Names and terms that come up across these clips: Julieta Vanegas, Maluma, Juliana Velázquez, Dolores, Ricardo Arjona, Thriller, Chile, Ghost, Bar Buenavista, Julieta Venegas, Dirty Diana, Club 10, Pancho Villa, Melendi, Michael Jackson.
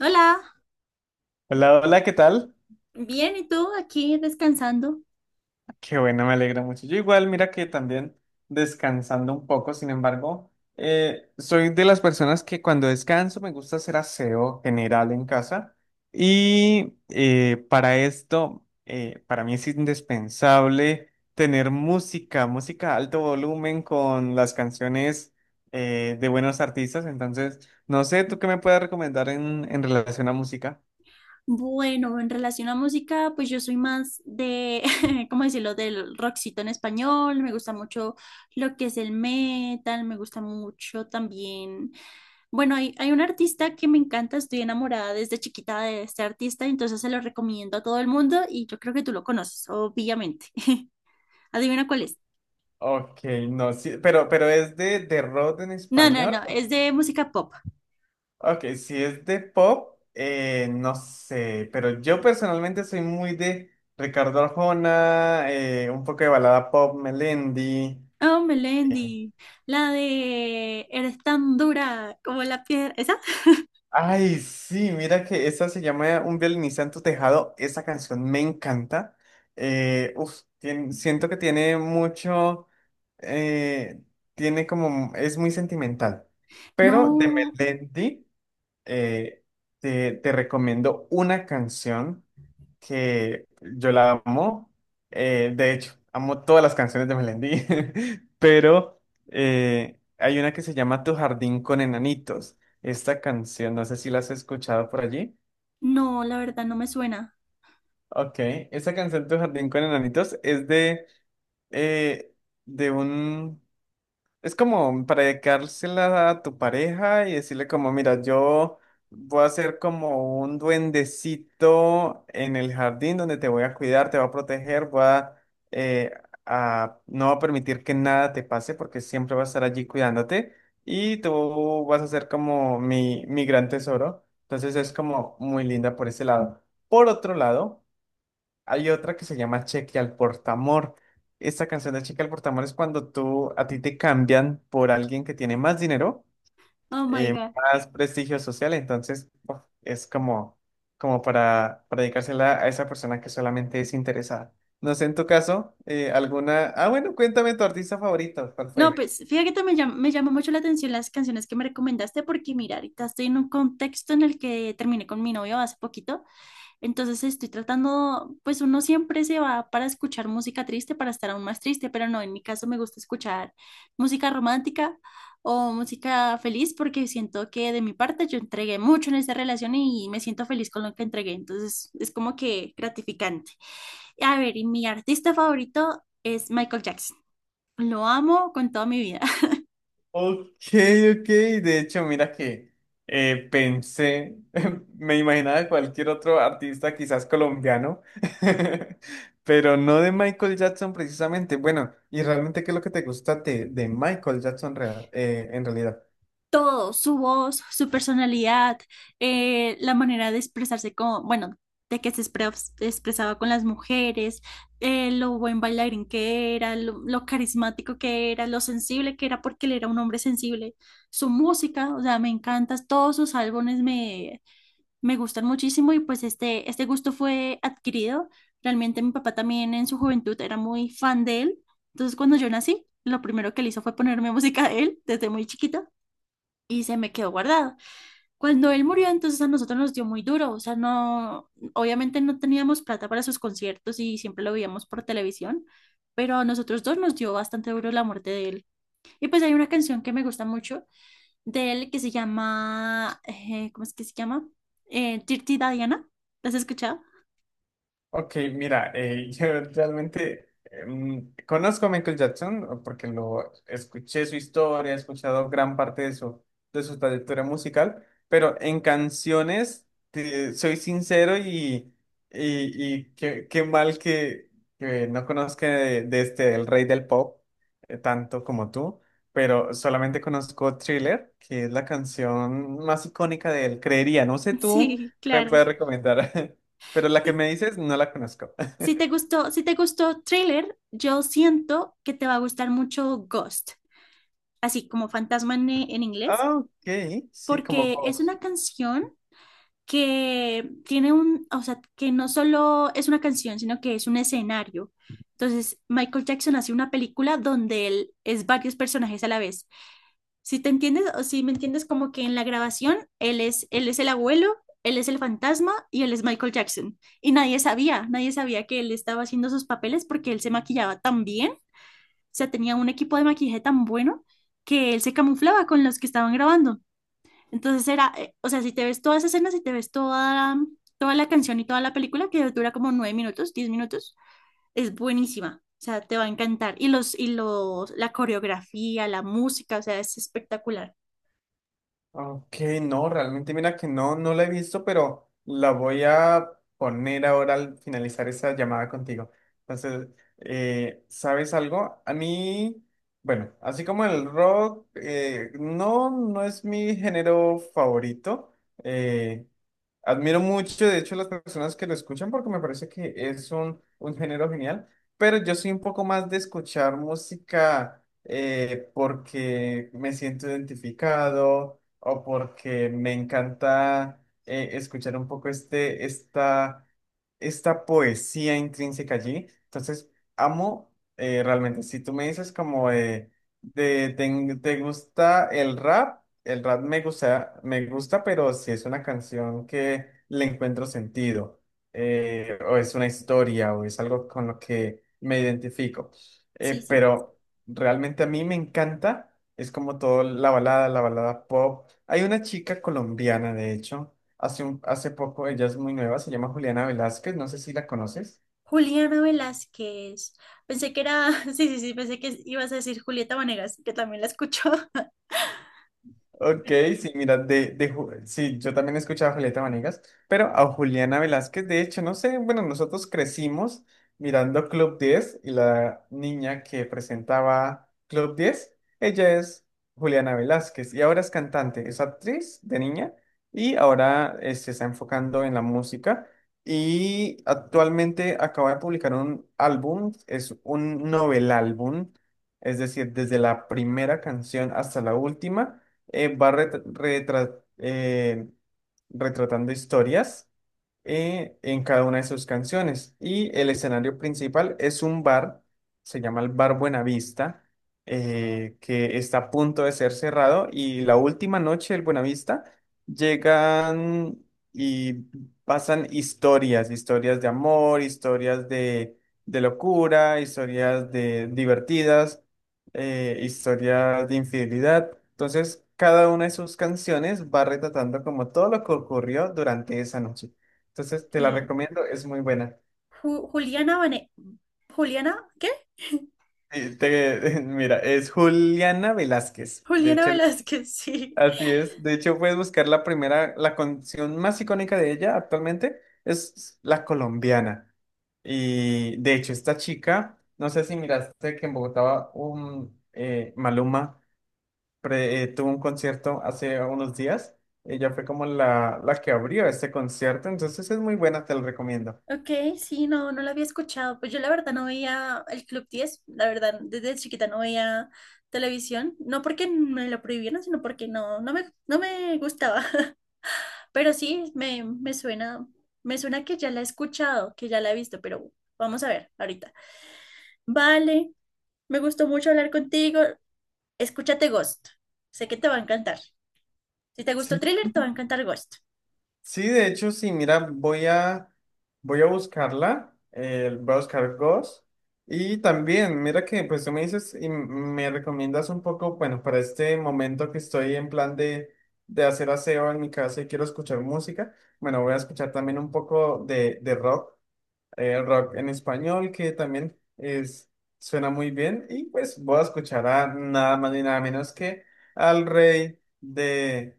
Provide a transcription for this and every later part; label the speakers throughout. Speaker 1: Hola,
Speaker 2: Hola, hola, ¿qué tal?
Speaker 1: bien, ¿y tú? Aquí descansando.
Speaker 2: Qué bueno, me alegra mucho. Yo igual, mira que también descansando un poco, sin embargo, soy de las personas que cuando descanso me gusta hacer aseo general en casa y para esto, para mí es indispensable tener música, música a alto volumen con las canciones de buenos artistas. Entonces, no sé, ¿tú qué me puedes recomendar en relación a música?
Speaker 1: Bueno, en relación a música, pues yo soy más de, ¿cómo decirlo?, del rockcito en español. Me gusta mucho lo que es el metal, me gusta mucho también. Bueno, hay un artista que me encanta, estoy enamorada desde chiquita de este artista, entonces se lo recomiendo a todo el mundo y yo creo que tú lo conoces, obviamente. Adivina cuál es.
Speaker 2: Ok, no, sí, pero es de rock en
Speaker 1: No, no,
Speaker 2: español.
Speaker 1: no, es de música pop.
Speaker 2: Ok, si es de pop, no sé, pero yo personalmente soy muy de Ricardo Arjona, un poco de balada pop, Melendi.
Speaker 1: Oh,
Speaker 2: eh,
Speaker 1: Melendi, la de Eres tan dura como la piedra. ¿Esa?
Speaker 2: Ay, sí, mira que esa se llama Un violinista en tu tejado, esa canción me encanta. Siento que tiene mucho, eh, tiene como, es muy sentimental. Pero de
Speaker 1: No,
Speaker 2: Melendi. eh, te recomiendo una canción que yo la amo. De hecho, amo todas las canciones de Melendi, pero hay una que se llama Tu jardín con enanitos. Esta canción, no sé si la has escuchado por allí.
Speaker 1: no, la verdad no me suena.
Speaker 2: Ok, esta canción Tu jardín con enanitos es eh, de un. Es como para dedicársela a tu pareja y decirle como, mira, yo voy a ser como un duendecito en el jardín donde te voy a cuidar, te voy a proteger, voy a, eh, no va a permitir que nada te pase porque siempre va a estar allí cuidándote y tú vas a ser como mi gran tesoro. Entonces es como muy linda por ese lado. Por otro lado, hay otra que se llama Cheque al Portamor. Esta canción de Cheque al Portamor es cuando tú a ti te cambian por alguien que tiene más dinero,
Speaker 1: Oh my God.
Speaker 2: más prestigio social. Entonces, uf, es como, como para dedicársela a esa persona que solamente es interesada. No sé, en tu caso, alguna. Ah, bueno, cuéntame tu artista favorito. ¿Cuál
Speaker 1: No,
Speaker 2: fue?
Speaker 1: pues fíjate que me llama mucho la atención las canciones que me recomendaste porque mira, ahorita estoy en un contexto en el que terminé con mi novio hace poquito. Entonces estoy tratando, pues uno siempre se va para escuchar música triste, para estar aún más triste, pero no, en mi caso me gusta escuchar música romántica o música feliz porque siento que de mi parte yo entregué mucho en esta relación y me siento feliz con lo que entregué, entonces es como que gratificante. A ver, y mi artista favorito es Michael Jackson. Lo amo con toda mi vida.
Speaker 2: Ok, ok. De hecho, mira que pensé, me imaginaba de cualquier otro artista, quizás colombiano, pero no de Michael Jackson precisamente. Bueno, ¿y realmente qué es lo que te gusta de Michael Jackson en realidad?
Speaker 1: Todo, su voz, su personalidad, la manera de expresarse con, bueno, de que se expre- expresaba con las mujeres, lo buen bailarín que era, lo carismático que era, lo sensible que era, porque él era un hombre sensible. Su música, o sea, me encanta, todos sus álbumes me gustan muchísimo y pues este gusto fue adquirido. Realmente mi papá también en su juventud era muy fan de él. Entonces cuando yo nací, lo primero que él hizo fue ponerme música de él desde muy chiquita y se me quedó guardado. Cuando él murió, entonces a nosotros nos dio muy duro, o sea, no, obviamente no teníamos plata para sus conciertos y siempre lo veíamos por televisión, pero a nosotros dos nos dio bastante duro la muerte de él. Y pues hay una canción que me gusta mucho de él que se llama, ¿cómo es que se llama? Dirty Diana, ¿la has escuchado?
Speaker 2: Ok, mira, yo realmente conozco a Michael Jackson porque lo escuché su historia, he escuchado gran parte de su trayectoria musical, pero en canciones, soy sincero y, y qué, qué mal que no conozca de este, el rey del pop, tanto como tú, pero solamente conozco Thriller, que es la canción más icónica de él, creería, no sé tú,
Speaker 1: Sí,
Speaker 2: ¿qué me
Speaker 1: claro.
Speaker 2: puedes recomendar? Pero la que
Speaker 1: Sí.
Speaker 2: me dices no la conozco.
Speaker 1: Si te gustó Thriller, yo siento que te va a gustar mucho Ghost, así como fantasma en inglés.
Speaker 2: Ah, ok, sí, como
Speaker 1: Porque es
Speaker 2: Ghost.
Speaker 1: una canción que tiene o sea, que no solo es una canción, sino que es un escenario. Entonces, Michael Jackson hace una película donde él es varios personajes a la vez. Si te entiendes o si me entiendes como que en la grabación él es el abuelo, él es el fantasma y él es Michael Jackson. Y nadie sabía que él estaba haciendo sus papeles porque él se maquillaba tan bien, o sea, tenía un equipo de maquillaje tan bueno que él se camuflaba con los que estaban grabando. Entonces o sea, si te ves todas esas escenas, si te ves toda, toda la canción y toda la película, que dura como nueve minutos, diez minutos, es buenísima. O sea, te va a encantar. La coreografía, la música, o sea, es espectacular.
Speaker 2: Ok, no, realmente mira que no, no la he visto, pero la voy a poner ahora al finalizar esa llamada contigo. Entonces, ¿sabes algo? A mí, bueno, así como el rock, no, no es mi género favorito. eh, Admiro mucho, de hecho, las personas que lo escuchan porque me parece que es un género genial, pero yo soy un poco más de escuchar música porque me siento identificado o porque me encanta escuchar un poco este, esta poesía intrínseca allí. Entonces, amo realmente. Si tú me dices como de, ¿te gusta el rap? El rap me gusta, pero si es una canción que le encuentro sentido, o es una historia, o es algo con lo que me identifico.
Speaker 1: Sí, sí.
Speaker 2: Pero realmente a mí me encanta, es como todo la balada pop. Hay una chica colombiana, de hecho, hace un, hace poco, ella es muy nueva, se llama Juliana Velázquez, no sé si la conoces.
Speaker 1: Juliana Velázquez. Pensé que era, sí, sí, sí, pensé que ibas a decir Julieta Vanegas, que también la escucho.
Speaker 2: Ok, sí, mira, de, sí, yo también he escuchado a Julieta Venegas, pero a Juliana Velázquez, de hecho, no sé, bueno, nosotros crecimos mirando Club 10 y la niña que presentaba Club 10, ella es Juliana Velázquez y ahora es cantante, es actriz de niña y ahora se está enfocando en la música y actualmente acaba de publicar un álbum, es un novel álbum, es decir, desde la primera canción hasta la última va retratando historias en cada una de sus canciones. Y el escenario principal es un bar, se llama el Bar Buenavista, que está a punto de ser cerrado. Y la última noche del Buenavista llegan y pasan historias, historias de amor, historias de locura, historias de divertidas, historias de infidelidad. Entonces, cada una de sus canciones va retratando como todo lo que ocurrió durante esa noche. Entonces te la
Speaker 1: Ok.
Speaker 2: recomiendo, es muy buena.
Speaker 1: Juliana Vane... Juliana, ¿qué?
Speaker 2: Y mira, es Juliana Velázquez.
Speaker 1: Juliana Velázquez, sí.
Speaker 2: Así es. De hecho, puedes buscar la primera, la canción más icónica de ella actualmente es La Colombiana. Y de hecho, esta chica, no sé si miraste que en Bogotá un Maluma tuvo un concierto hace unos días. Ella fue como la que abrió este concierto, entonces es muy buena, te lo recomiendo.
Speaker 1: Ok, sí, no, no la había escuchado. Pues yo la verdad no veía el Club 10, la verdad, desde chiquita no veía televisión, no porque me lo prohibieran, sino porque no me gustaba. Pero sí, me suena que ya la he escuchado, que ya la he visto, pero vamos a ver ahorita. Vale, me gustó mucho hablar contigo. Escúchate Ghost. Sé que te va a encantar. Si te gustó
Speaker 2: Sí,
Speaker 1: Thriller, te va a encantar Ghost.
Speaker 2: sí, de hecho, sí, mira, voy a, voy a buscarla, voy a buscar Ghost. Y también, mira que pues tú me dices y me recomiendas un poco, bueno, para este momento que estoy en plan de hacer aseo en mi casa y quiero escuchar música, bueno, voy a escuchar también un poco de rock, rock en español, que también es, suena muy bien. Y pues voy a escuchar a nada más ni nada menos que al rey de,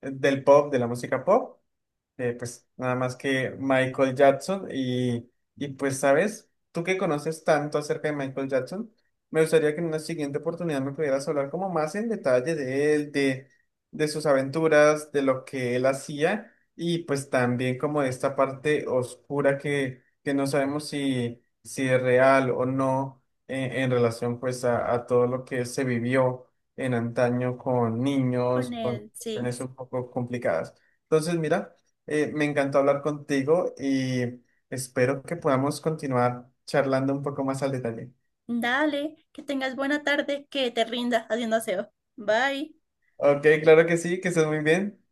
Speaker 2: del pop, de la música pop pues nada más que Michael Jackson y pues sabes, tú que conoces tanto acerca de Michael Jackson, me gustaría que en una siguiente oportunidad me pudieras hablar como más en detalle de él, de sus aventuras, de lo que él hacía y pues también como de esta parte oscura que no sabemos si, si es real o no en, en relación pues a todo lo que se vivió en antaño con niños,
Speaker 1: Con
Speaker 2: con
Speaker 1: él, sí.
Speaker 2: situaciones un poco complicadas. Entonces, mira. Me encantó hablar contigo y espero que podamos continuar charlando un poco más al detalle.
Speaker 1: Dale, que tengas buena tarde, que te rinda haciendo aseo. Bye.
Speaker 2: Ok, claro que sí, que estés muy bien.